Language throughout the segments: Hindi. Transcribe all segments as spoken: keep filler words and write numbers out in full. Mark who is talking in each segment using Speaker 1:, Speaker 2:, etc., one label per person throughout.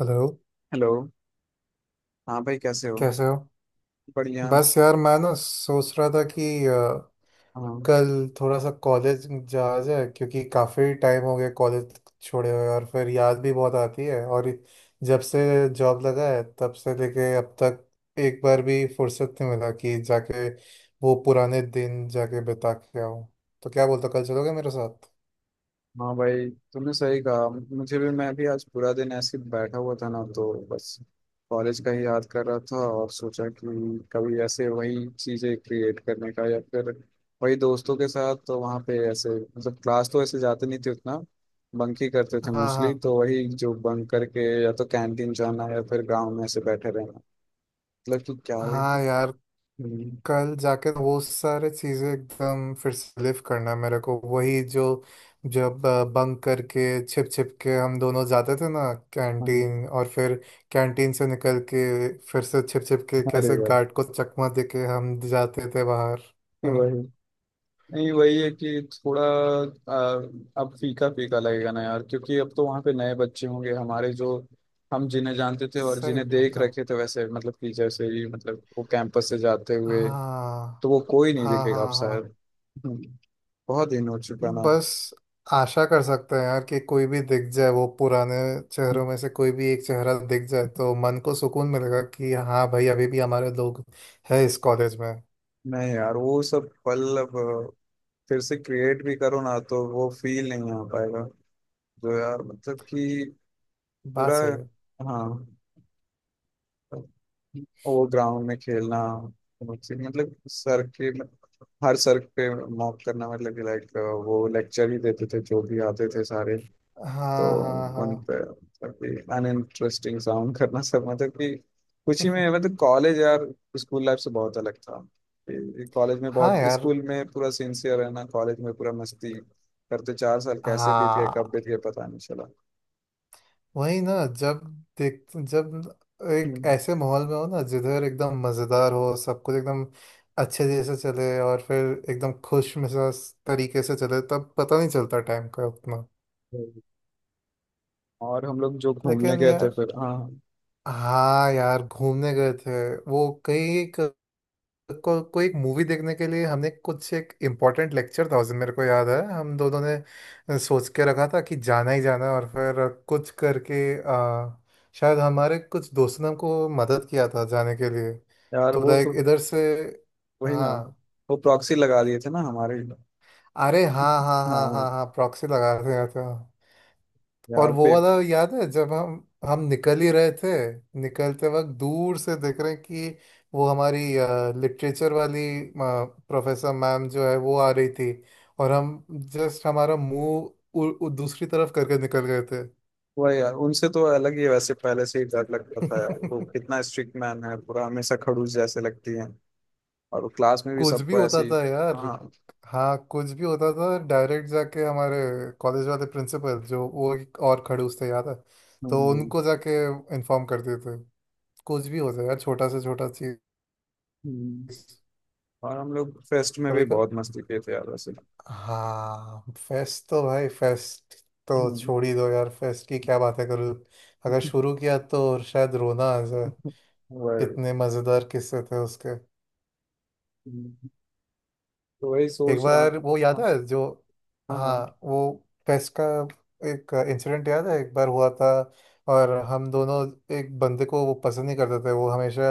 Speaker 1: हेलो।
Speaker 2: हेलो। हाँ भाई, कैसे हो?
Speaker 1: कैसे हो?
Speaker 2: बढ़िया।
Speaker 1: बस यार मैं ना सोच रहा था कि अ,
Speaker 2: हाँ
Speaker 1: कल थोड़ा सा कॉलेज जाया जाए क्योंकि काफ़ी टाइम हो गया कॉलेज छोड़े हुए, और फिर याद भी बहुत आती है। और जब से जॉब लगा है तब से लेके अब तक एक बार भी फुर्सत नहीं मिला कि जाके वो पुराने दिन जाके बिता के आऊँ। तो क्या बोलते हो, कल चलोगे मेरे साथ?
Speaker 2: हाँ, भाई तुमने सही कहा। मुझे भी मैं भी आज पूरा दिन ऐसे ही बैठा हुआ था ना, तो बस कॉलेज का ही याद कर रहा था, और सोचा कि कभी ऐसे वही चीज़ें क्रिएट करने का, या फिर वही दोस्तों के साथ। तो वहाँ पे ऐसे मतलब क्लास तो ऐसे जाते नहीं थे उतना, बंक ही करते थे
Speaker 1: हाँ,
Speaker 2: मोस्टली।
Speaker 1: हाँ,
Speaker 2: तो वही जो बंक करके या तो कैंटीन जाना या फिर ग्राउंड में ऐसे बैठे रहना, मतलब कि क्या
Speaker 1: हाँ
Speaker 2: ही-
Speaker 1: यार,
Speaker 2: हम्म,
Speaker 1: कल जाके वो सारे चीज़ें एकदम फिर से लिव करना है मेरे को। वही जो, जब बंक करके छिप छिप के हम दोनों जाते थे ना,
Speaker 2: हम्म,
Speaker 1: कैंटीन। और फिर कैंटीन से निकल के फिर से छिप छिप के
Speaker 2: अरे
Speaker 1: कैसे
Speaker 2: भाई
Speaker 1: गार्ड को चकमा दे के हम जाते थे बाहर। हम्म,
Speaker 2: वही। नहीं वही है कि थोड़ा आ, अब फीका फीका लगेगा ना यार, क्योंकि अब तो वहाँ पे नए बच्चे होंगे। हमारे जो, हम जिन्हें जानते थे और
Speaker 1: सही
Speaker 2: जिन्हें देख
Speaker 1: बात है।
Speaker 2: रखे थे वैसे, मतलब कि जैसे ही, मतलब वो कैंपस से जाते हुए,
Speaker 1: हाँ,
Speaker 2: तो वो कोई नहीं
Speaker 1: हाँ,
Speaker 2: दिखेगा
Speaker 1: हाँ,
Speaker 2: अब
Speaker 1: हाँ।
Speaker 2: शायद। हम्म, बहुत दिन हो चुका ना अब।
Speaker 1: बस आशा कर सकते हैं यार कि कोई भी दिख जाए, वो पुराने चेहरों में से कोई भी एक चेहरा दिख जाए तो मन को सुकून मिलेगा कि हाँ भाई, अभी भी हमारे लोग हैं इस कॉलेज में।
Speaker 2: नहीं यार, वो सब पल अब फिर से क्रिएट भी करो ना तो वो फील नहीं आ पाएगा जो, यार मतलब कि पूरा।
Speaker 1: बात सही है।
Speaker 2: हाँ, वो ग्राउंड में खेलना, बहुत सी- मतलब सर के, हर सर पे मॉक करना, मतलब कि लाइक वो लेक्चर ही देते थे जो भी आते थे सारे, तो
Speaker 1: हाँ, हाँ, हाँ,
Speaker 2: उन पे मतलब अनइंटरेस्टिंग साउंड करना सब, मतलब कि कुछ ही में, मतलब कॉलेज यार स्कूल लाइफ से बहुत अलग था। कॉलेज में
Speaker 1: हाँ
Speaker 2: बहुत,
Speaker 1: यार।
Speaker 2: स्कूल में पूरा सिंसियर रहना, कॉलेज में पूरा मस्ती करते, चार साल कैसे बीत गए कब
Speaker 1: हाँ,
Speaker 2: बीत गए पता नहीं चला।
Speaker 1: वही ना। जब देख जब एक
Speaker 2: हम्म।
Speaker 1: ऐसे माहौल में हो ना जिधर एकदम मज़ेदार हो सब कुछ, एकदम अच्छे जैसे चले और फिर एकदम खुश मिजाज तरीके से चले, तब पता नहीं चलता टाइम का उतना।
Speaker 2: और हम लोग जो घूमने
Speaker 1: लेकिन
Speaker 2: गए थे
Speaker 1: यार,
Speaker 2: फिर, हाँ
Speaker 1: हाँ यार, घूमने गए थे वो कहीं एक को, कोई एक मूवी देखने के लिए। हमने कुछ, एक इम्पोर्टेंट लेक्चर था उस दिन मेरे को याद है। हम दोनों ने सोच के रखा था कि जाना ही जाना है, और फिर कुछ करके, आ, शायद हमारे कुछ दोस्तों ने हमको मदद किया था जाने के लिए।
Speaker 2: यार
Speaker 1: तो
Speaker 2: वो तो,
Speaker 1: लाइक इधर से,
Speaker 2: वही ना,
Speaker 1: हाँ,
Speaker 2: वो प्रॉक्सी लगा दिए थे ना हमारे।
Speaker 1: अरे हाँ, हाँ, हाँ, हाँ,
Speaker 2: हाँ,
Speaker 1: हाँ, प्रॉक्सी लगा रहे थे। और
Speaker 2: यार
Speaker 1: वो
Speaker 2: पे
Speaker 1: वाला याद है जब हम हम निकल ही रहे थे, निकलते वक्त दूर से देख रहे हैं कि वो हमारी लिटरेचर वाली प्रोफेसर मैम जो है वो आ रही थी, और हम जस्ट हमारा मुंह उ- उ- दूसरी तरफ करके निकल गए थे।
Speaker 2: वही यार, उनसे तो अलग ही है। वैसे पहले से ही डर लगता था यार, वो कितना स्ट्रिक्ट मैन है पूरा, हमेशा खड़ूस जैसे लगती है, और वो क्लास में भी
Speaker 1: कुछ भी
Speaker 2: सबको
Speaker 1: होता
Speaker 2: ऐसी।
Speaker 1: था यार।
Speaker 2: हाँ।
Speaker 1: हाँ, कुछ भी होता था। डायरेक्ट जाके हमारे कॉलेज वाले प्रिंसिपल, जो वो एक और खड़ूस थे याद है, तो
Speaker 2: हम्म,
Speaker 1: उनको जाके इन्फॉर्म कर देते कुछ भी हो जाए यार, छोटा से छोटा चीज।
Speaker 2: हम्म।
Speaker 1: कभी
Speaker 2: और हम लोग फेस्ट में भी
Speaker 1: कभी,
Speaker 2: बहुत मस्ती किए थे यार वैसे।
Speaker 1: हाँ, फेस्ट तो भाई, फेस्ट तो
Speaker 2: हम्म।
Speaker 1: छोड़ ही दो यार। फेस्ट की क्या बातें करूँ, अगर शुरू किया तो शायद रोना आ जाए।
Speaker 2: वही।
Speaker 1: इतने मजेदार किस्से थे उसके।
Speaker 2: हम्म। तो वही
Speaker 1: एक
Speaker 2: सोच रहा हूँ
Speaker 1: बार
Speaker 2: कि-
Speaker 1: वो याद
Speaker 2: हाँ,
Speaker 1: है जो,
Speaker 2: हाँ, हाँ।
Speaker 1: हाँ, वो टेस्ट का एक इंसिडेंट याद है, एक बार हुआ था। और हम दोनों, एक बंदे को वो पसंद नहीं करते थे, वो हमेशा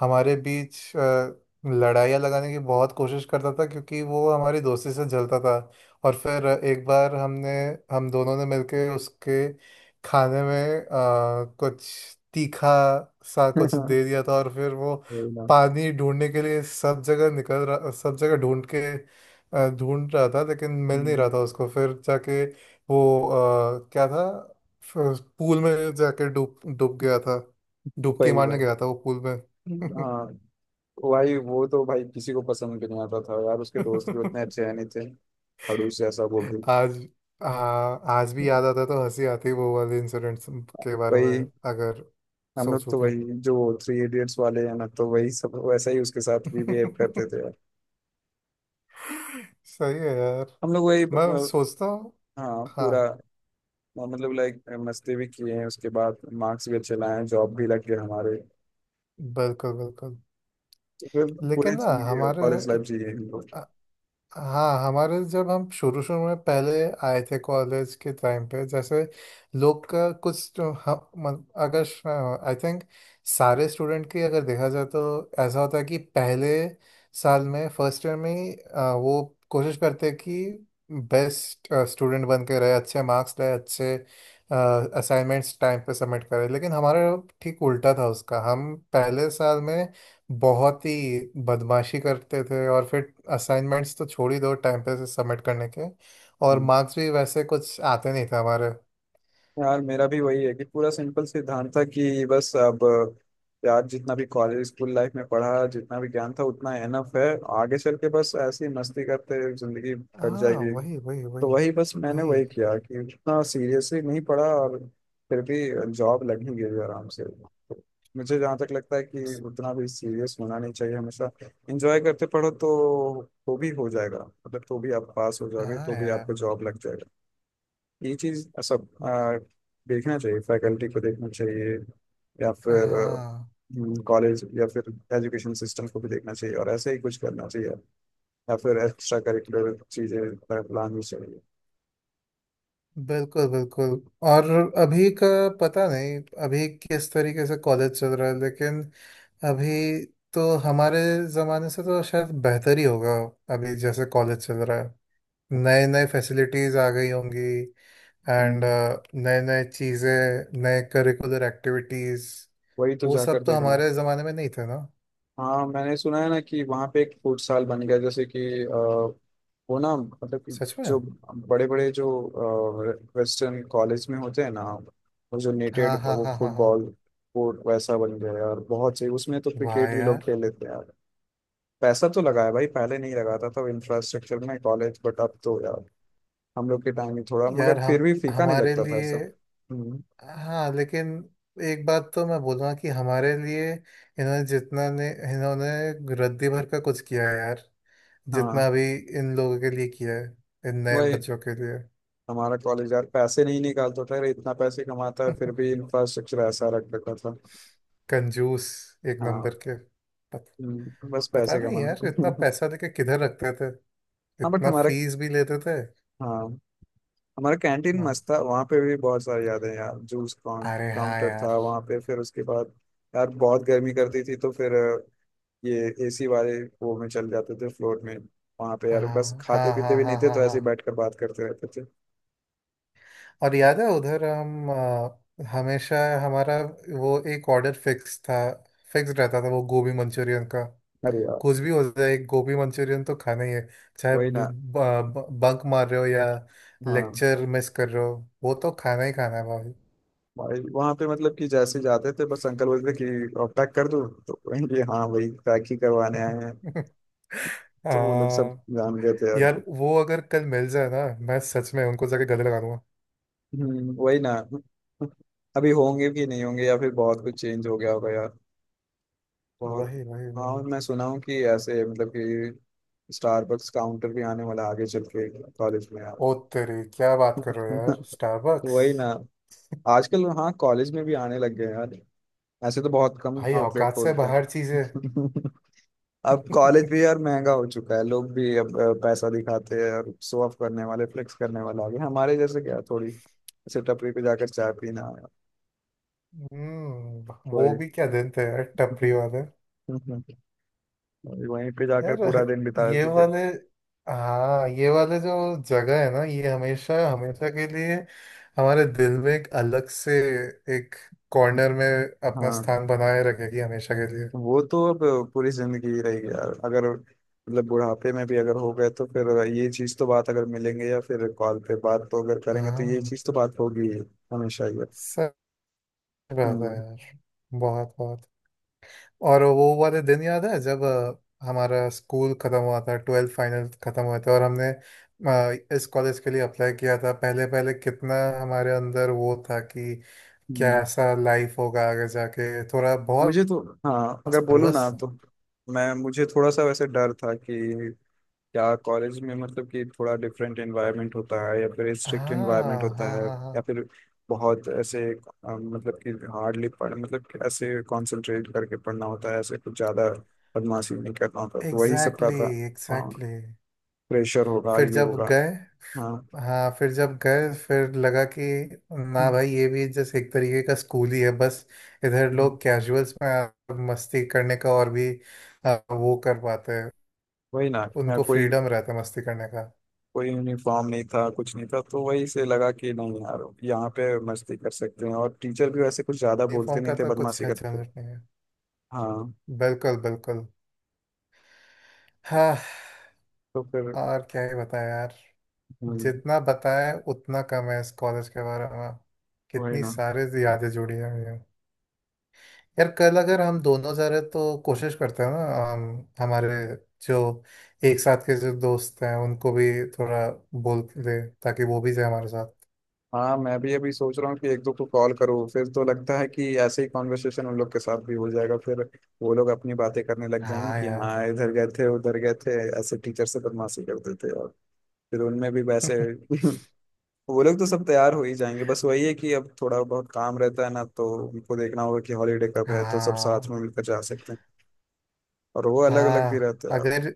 Speaker 1: हमारे बीच अ, लड़ाइयाँ लगाने की बहुत कोशिश करता था क्योंकि वो हमारी दोस्ती से जलता था। और फिर एक बार हमने, हम दोनों ने मिलके उसके खाने में अ, कुछ तीखा सा कुछ दे दिया था। और फिर वो
Speaker 2: वही ना।
Speaker 1: पानी ढूंढने के लिए सब जगह निकल रहा, सब जगह ढूंढ के अ, ढूंढ रहा था लेकिन मिल नहीं रहा
Speaker 2: हम्म,
Speaker 1: था उसको। फिर जाके वो, अ, क्या था, फ- पूल में जाके डूब डूब गया था। डुबकी
Speaker 2: वही
Speaker 1: मारने
Speaker 2: वही।
Speaker 1: गया था वो पूल में।
Speaker 2: हाँ, तो भाई वो तो भाई किसी को पसंद भी नहीं आता था यार, उसके दोस्त भी उतने अच्छे है नहीं थे, खड़ूस जैसा वो भी।
Speaker 1: आज, आ, आज भी याद आता है तो हंसी आती है वो वाले इंसिडेंट्स के बारे में,
Speaker 2: वही,
Speaker 1: अगर
Speaker 2: हम लोग
Speaker 1: सोचूं
Speaker 2: तो
Speaker 1: तो।
Speaker 2: वही जो थ्री इडियट्स वाले हैं ना, तो वही सब वैसा ही उसके साथ भी बिहेव करते थे यार।
Speaker 1: सही है यार।
Speaker 2: हम लोग वही,
Speaker 1: मैं
Speaker 2: अ,
Speaker 1: सोचता हूँ,
Speaker 2: हाँ पूरा, अ,
Speaker 1: हाँ,
Speaker 2: मतलब लाइक मस्ती भी किए हैं, उसके बाद मार्क्स भी अच्छे लाए हैं, जॉब भी लग गए हमारे,
Speaker 1: बिल्कुल बिल्कुल।
Speaker 2: तो फिर पूरी
Speaker 1: लेकिन ना
Speaker 2: जिंदगी
Speaker 1: हमारे,
Speaker 2: कॉलेज लाइफ जी है हम लोग।
Speaker 1: हाँ हमारे, जब हम शुरू शुरू में पहले आए थे कॉलेज के टाइम पे, जैसे लोग का कुछ तो हम, मन- अगर, आई थिंक सारे स्टूडेंट की अगर देखा जाए तो ऐसा होता है कि पहले साल में, फर्स्ट ईयर में ही अ, वो कोशिश करते हैं कि बेस्ट स्टूडेंट बन के रहे, अच्छे मार्क्स लाए, अच्छे असाइनमेंट्स टाइम पे सबमिट करें। लेकिन हमारा ठीक उल्टा था उसका। हम पहले साल में बहुत ही बदमाशी करते थे और फिर असाइनमेंट्स तो छोड़ ही दो टाइम पे से सबमिट करने के, और मार्क्स भी वैसे कुछ आते नहीं थे हमारे।
Speaker 2: यार मेरा भी वही है कि पूरा सिंपल सिद्धांत था कि बस अब यार जितना भी कॉलेज स्कूल लाइफ में पढ़ा, जितना भी ज्ञान था उतना एनफ है, आगे चल के बस ऐसी मस्ती करते जिंदगी कट
Speaker 1: हाँ,
Speaker 2: जाएगी।
Speaker 1: वही, वही,
Speaker 2: तो
Speaker 1: वही,
Speaker 2: वही बस मैंने
Speaker 1: वही।
Speaker 2: वही किया कि उतना सीरियसली नहीं पढ़ा, और फिर भी जॉब लग ही गई आराम से। तो मुझे जहाँ तक लगता है कि उतना भी सीरियस होना नहीं चाहिए हमेशा, एंजॉय करते पढ़ो तो तो भी हो जाएगा, मतलब तो भी आप पास हो जाओगे,
Speaker 1: हाँ
Speaker 2: तो भी
Speaker 1: यार।
Speaker 2: आपको जॉब लग जाएगी। ये चीज सब आ, देखना चाहिए, फैकल्टी को देखना चाहिए, या फिर
Speaker 1: हाँ,
Speaker 2: कॉलेज, या फिर एजुकेशन सिस्टम को भी देखना चाहिए, और ऐसे ही कुछ करना चाहिए, या फिर एक्स्ट्रा करिकुलर चीजें लानी चाहिए।
Speaker 1: बिल्कुल बिल्कुल। और अभी का पता नहीं, अभी किस तरीके से कॉलेज चल रहा है लेकिन, अभी तो हमारे ज़माने से तो शायद बेहतर ही होगा अभी जैसे कॉलेज चल रहा है। नए नए फैसिलिटीज़ आ गई होंगी, एंड
Speaker 2: हम्म।
Speaker 1: नए नए चीज़ें, नए करिकुलर एक्टिविटीज़,
Speaker 2: वही तो,
Speaker 1: वो सब
Speaker 2: जाकर
Speaker 1: तो
Speaker 2: देखना।
Speaker 1: हमारे ज़माने में नहीं थे ना।
Speaker 2: हाँ, मैंने सुना है ना कि वहाँ पे एक फुटसाल बन गया, जैसे कि अ, वो ना, मतलब कि
Speaker 1: सच में।
Speaker 2: जो बड़े बड़े जो वेस्टर्न कॉलेज में होते हैं ना, वो जो नेटेड
Speaker 1: हाँ, हाँ,
Speaker 2: वो
Speaker 1: हाँ, हाँ, हाँ।
Speaker 2: फुटबॉल कोर्ट वैसा बन गया है, और बहुत सही, उसमें तो
Speaker 1: वाह
Speaker 2: क्रिकेट भी लोग
Speaker 1: यार।
Speaker 2: खेल लेते हैं यार। पैसा तो लगा है भाई, पहले नहीं लगाता था इंफ्रास्ट्रक्चर में कॉलेज, बट अब तो यार। हम लोग के टाइम में थोड़ा, मगर
Speaker 1: यार हम
Speaker 2: फिर भी फीका नहीं
Speaker 1: हमारे
Speaker 2: लगता था
Speaker 1: लिए,
Speaker 2: ऐसा। हम्म।
Speaker 1: हाँ लेकिन एक बात तो मैं बोलूँगा कि हमारे लिए इन्होंने जितना ने इन्होंने रद्दी भर का कुछ किया है यार, जितना
Speaker 2: हाँ
Speaker 1: भी इन लोगों के लिए किया है, इन नए
Speaker 2: वही,
Speaker 1: बच्चों के लिए।
Speaker 2: हमारा कॉलेज यार पैसे नहीं निकालता था यार, इतना पैसे कमाता है फिर भी इंफ्रास्ट्रक्चर ऐसा रख रखा था।
Speaker 1: कंजूस एक
Speaker 2: हाँ।
Speaker 1: नंबर के, पत,
Speaker 2: हम्म, बस
Speaker 1: पता
Speaker 2: पैसे
Speaker 1: नहीं
Speaker 2: कमाने
Speaker 1: यार इतना
Speaker 2: को।
Speaker 1: पैसा लेके किधर रखते थे,
Speaker 2: हाँ बट
Speaker 1: इतना
Speaker 2: हमारा
Speaker 1: फीस भी लेते थे।
Speaker 2: हाँ हमारा कैंटीन
Speaker 1: हाँ,
Speaker 2: मस्त था, वहाँ पे भी बहुत सारी यादें हैं यार, जूस काउंट
Speaker 1: अरे हाँ
Speaker 2: काउंटर
Speaker 1: यार।
Speaker 2: था वहाँ पे फिर उसके बाद यार बहुत गर्मी करती थी, तो फिर अ, ये एसी वाले, वो में चल जाते थे फ्लोर में। वहाँ पे यार बस
Speaker 1: हाँ, हाँ,
Speaker 2: खाते पीते
Speaker 1: हाँ,
Speaker 2: भी नहीं
Speaker 1: हाँ,
Speaker 2: थे
Speaker 1: हाँ,
Speaker 2: तो ऐसे ही बैठ
Speaker 1: हाँ।
Speaker 2: कर बात करते रहते थे।
Speaker 1: और याद है उधर हम, अ, हमेशा हमारा वो एक ऑर्डर फिक्स था, फिक्स रहता था, वो गोभी मंचूरियन का।
Speaker 2: अरे यार,
Speaker 1: कुछ भी हो जाए एक गोभी मंचूरियन तो खाना ही है, चाहे
Speaker 2: वही ना।
Speaker 1: बंक मार रहे हो या
Speaker 2: हाँ
Speaker 1: लेक्चर मिस कर रहे हो। वो तो खाना ही खाना है भाई।
Speaker 2: भाई, वहां पे मतलब कि जैसे जाते थे बस, अंकल बोलते थे कि और पैक कर दूं, तो कहेंगे हाँ वही पैक ही करवाने आए हैं। तो वो लोग सब
Speaker 1: हाँ
Speaker 2: जान गए थे, और
Speaker 1: यार, वो अगर कल मिल जाए ना, मैं सच में उनको जाके गले लगा दूंगा।
Speaker 2: हम्म, वही ना। अभी होंगे भी नहीं, होंगे या फिर बहुत कुछ चेंज हो गया होगा यार। बहुत।
Speaker 1: वही, वही,
Speaker 2: हाँ,
Speaker 1: वही।
Speaker 2: मैं सुना हूँ कि ऐसे मतलब कि स्टारबक्स काउंटर भी आने वाला है आगे चल के कॉलेज में यार।
Speaker 1: ओ तेरी, क्या बात कर रहे हो यार, स्टारबक्स!
Speaker 2: वही ना, आजकल हाँ कॉलेज में भी आने लग गए हैं यार, ऐसे तो बहुत कम
Speaker 1: भाई,
Speaker 2: आउटलेट
Speaker 1: औकात से
Speaker 2: खोलते
Speaker 1: बाहर चीजें।
Speaker 2: हैं। अब कॉलेज भी यार महंगा हो चुका है, लोग भी अब अ, पैसा दिखाते हैं, और शो ऑफ करने वाले, फ्लेक्स करने वाले आ गए, हमारे जैसे क्या थोड़ी ऐसे टपरी पे जाकर चाय पीना।
Speaker 1: हम्म, वो
Speaker 2: वही।
Speaker 1: भी क्या दिन थे यार टपरी वाले।
Speaker 2: वहीं पे जाकर
Speaker 1: यार
Speaker 2: पूरा दिन बिता
Speaker 1: ये
Speaker 2: देते थे।
Speaker 1: वाले, हाँ ये वाले, जो जगह है ना, ये हमेशा हमेशा के लिए हमारे दिल में एक अलग से, एक कॉर्नर में अपना
Speaker 2: हाँ,
Speaker 1: स्थान बनाए रखेगी हमेशा के लिए।
Speaker 2: वो तो अब पूरी जिंदगी ही रहेगी यार, अगर मतलब बुढ़ापे में भी अगर हो गए, तो फिर ये चीज तो बात, अगर मिलेंगे या फिर कॉल पे बात तो अगर करेंगे, तो ये
Speaker 1: हाँ,
Speaker 2: चीज तो बात होगी ही, हमेशा ही है।
Speaker 1: सच बात है
Speaker 2: हम्म।
Speaker 1: यार। बहुत, बहुत। और वो वाले दिन याद है जब, अ, हमारा स्कूल खत्म हुआ था, ट्वेल्थ फाइनल खत्म हुए थे और हमने अ, इस कॉलेज के लिए अप्लाई किया था। पहले पहले कितना हमारे अंदर वो था कि
Speaker 2: हम्म।
Speaker 1: कैसा लाइफ होगा आगे जाके, थोड़ा बहुत
Speaker 2: मुझे तो, हाँ अगर बोलूँ
Speaker 1: सर्वस।
Speaker 2: ना तो मैं मुझे थोड़ा सा वैसे डर था कि क्या कॉलेज में मतलब कि थोड़ा डिफरेंट एनवायरनमेंट होता है, या फिर स्ट्रिक्ट एनवायरनमेंट
Speaker 1: हाँ,
Speaker 2: होता
Speaker 1: हाँ,
Speaker 2: है,
Speaker 1: हाँ, हाँ।
Speaker 2: या फिर बहुत ऐसे अ, मतलब कि हार्डली पढ़ मतलब कि ऐसे कंसंट्रेट करके पढ़ना होता है, ऐसे कुछ ज़्यादा बदमाशी नहीं करना होता, तो वही सब का
Speaker 1: एग्जैक्टली,
Speaker 2: था। हाँ,
Speaker 1: एग्जैक्टली।
Speaker 2: प्रेशर होगा,
Speaker 1: फिर
Speaker 2: ये
Speaker 1: जब
Speaker 2: होगा।
Speaker 1: गए,
Speaker 2: हाँ।
Speaker 1: हाँ फिर जब गए, फिर लगा कि ना भाई, ये भी जैसे एक तरीके का स्कूल ही है। बस इधर लोग
Speaker 2: हम्म,
Speaker 1: कैजुअल्स में आ- मस्ती करने का और भी, आ, वो कर पाते हैं।
Speaker 2: वही ना है,
Speaker 1: उनको
Speaker 2: कोई
Speaker 1: फ्रीडम रहता है मस्ती करने का।
Speaker 2: कोई यूनिफॉर्म नहीं था, कुछ नहीं था, तो वही से लगा कि नहीं यार यहाँ पे मस्ती कर सकते हैं, और टीचर भी वैसे कुछ ज्यादा बोलते
Speaker 1: यूनिफॉर्म
Speaker 2: नहीं
Speaker 1: का
Speaker 2: थे,
Speaker 1: तो कुछ
Speaker 2: बदमाशी
Speaker 1: झंझट
Speaker 2: करते थे।
Speaker 1: नहीं है।
Speaker 2: हाँ।
Speaker 1: बिल्कुल बिल्कुल। हाँ।
Speaker 2: तो फिर,
Speaker 1: और क्या ही बताएं यार,
Speaker 2: हम्म,
Speaker 1: जितना बताएं उतना कम है इस कॉलेज के बारे में।
Speaker 2: वही
Speaker 1: कितनी
Speaker 2: ना।
Speaker 1: सारी यादें जुड़ी हैं। यार कल अगर हम दोनों जा रहे तो कोशिश करते हैं ना, हम, हमारे जो एक साथ के जो दोस्त हैं उनको भी थोड़ा बोल दे ताकि वो भी जाए हमारे साथ।
Speaker 2: हाँ, मैं भी अभी सोच रहा हूँ कि एक दो को कॉल करूँ, फिर तो लगता है कि ऐसे ही कॉन्वर्सेशन उन लोग के साथ भी हो जाएगा, फिर वो लोग अपनी बातें करने लग जाएंगे
Speaker 1: हाँ
Speaker 2: कि
Speaker 1: यार।
Speaker 2: हाँ इधर गए थे उधर गए थे, ऐसे टीचर से बदमाशी करते थे, और फिर उनमें भी वैसे। वो लोग तो सब तैयार हो ही जाएंगे, बस वही है कि अब थोड़ा बहुत काम रहता है ना, तो उनको देखना होगा कि हॉलीडे कब है, तो सब साथ
Speaker 1: हाँ,
Speaker 2: में मिलकर जा सकते हैं। और वो अलग अलग भी
Speaker 1: हाँ,
Speaker 2: रहते हैं यार।
Speaker 1: अगर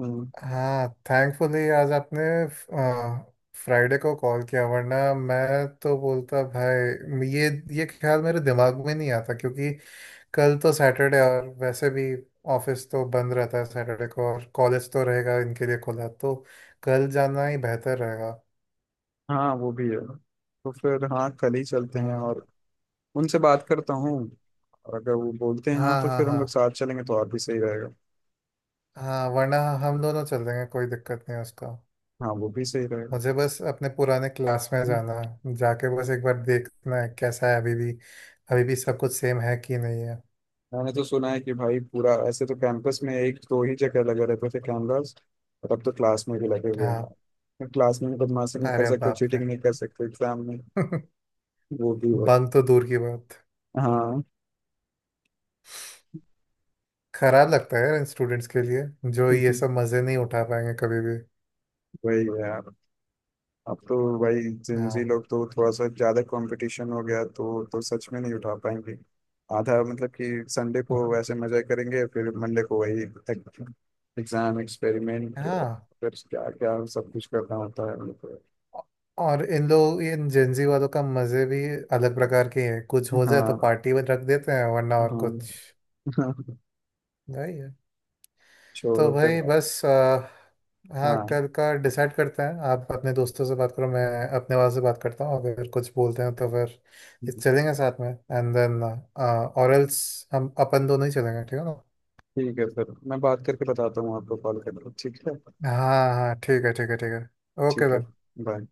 Speaker 2: हम्म।
Speaker 1: हाँ, थैंकफुली आज आपने फ्राइडे को कॉल किया, वरना मैं तो बोलता भाई ये ये ख्याल मेरे दिमाग में नहीं आता क्योंकि कल तो सैटरडे और वैसे भी ऑफिस तो बंद रहता है सैटरडे को, और कॉलेज तो रहेगा इनके लिए खुला। तो कल जाना ही बेहतर रहेगा।
Speaker 2: हाँ वो भी है, तो फिर हाँ कल ही चलते हैं,
Speaker 1: हाँ,
Speaker 2: और उनसे बात करता हूँ, और अगर वो बोलते हैं हाँ,
Speaker 1: हाँ,
Speaker 2: तो
Speaker 1: हाँ,
Speaker 2: फिर हम
Speaker 1: हाँ,
Speaker 2: लोग साथ चलेंगे तो और भी सही रहेगा।
Speaker 1: हाँ। वरना हम दोनों चल देंगे, कोई दिक्कत नहीं है उसका।
Speaker 2: हाँ, वो भी सही रहेगा।
Speaker 1: मुझे बस अपने पुराने क्लास में
Speaker 2: हम्म।
Speaker 1: जाना है, जाके बस एक बार देखना है कैसा है अभी भी, अभी भी सब कुछ सेम है कि नहीं है।
Speaker 2: मैंने तो सुना है कि भाई पूरा ऐसे तो कैंपस में एक दो ही जगह लगे रहते थे कैमरास, और अब तो क्लास में भी लगे हुए
Speaker 1: हाँ।
Speaker 2: हैं, क्लास में भी बदमाशी नहीं कर
Speaker 1: अरे
Speaker 2: सकते,
Speaker 1: बाप रे।
Speaker 2: चीटिंग नहीं कर सकते एग्जाम में। वो भी हो।
Speaker 1: बंद तो दूर की बात,
Speaker 2: हाँ।
Speaker 1: खराब लगता है यार इन स्टूडेंट्स के लिए जो ये सब मजे नहीं उठा पाएंगे कभी भी।
Speaker 2: वही है यार, अब तो वही जिंजी
Speaker 1: हाँ।
Speaker 2: लोग तो थोड़ा सा ज्यादा कंपटीशन हो गया, तो तो सच में नहीं उठा पाएंगे। आधा मतलब कि संडे को
Speaker 1: अब-
Speaker 2: वैसे मजा करेंगे, फिर मंडे को वही एग्जाम एक्सपेरिमेंट,
Speaker 1: हाँ,
Speaker 2: फिर क्या क्या सब कुछ करना होता है उनको।
Speaker 1: और इन लोग, इन जेंजी वालों का मजे भी अलग प्रकार के हैं। कुछ हो जाए तो
Speaker 2: हाँ।
Speaker 1: पार्टी में रख देते हैं, वरना और कुछ।
Speaker 2: हाँ।
Speaker 1: यही है। तो
Speaker 2: छोड़ो फिर।
Speaker 1: भाई बस, आ, हाँ,
Speaker 2: हाँ
Speaker 1: कल का डिसाइड करते हैं। आप अपने दोस्तों से बात करो, मैं अपने वाले से बात करता हूँ। अगर कुछ बोलते हैं तो फिर ये चलेंगे साथ में, एंड देन, और एल्स, हम अपन दोनों ही चलेंगे। ठीक है ना?
Speaker 2: ठीक है, फिर मैं बात करके बताता हूँ आपको, कॉल करके। ठीक है।
Speaker 1: हाँ, हाँ, ठीक है, ठीक है, ठीक है, ओके
Speaker 2: ठीक है।
Speaker 1: देन।
Speaker 2: बाय।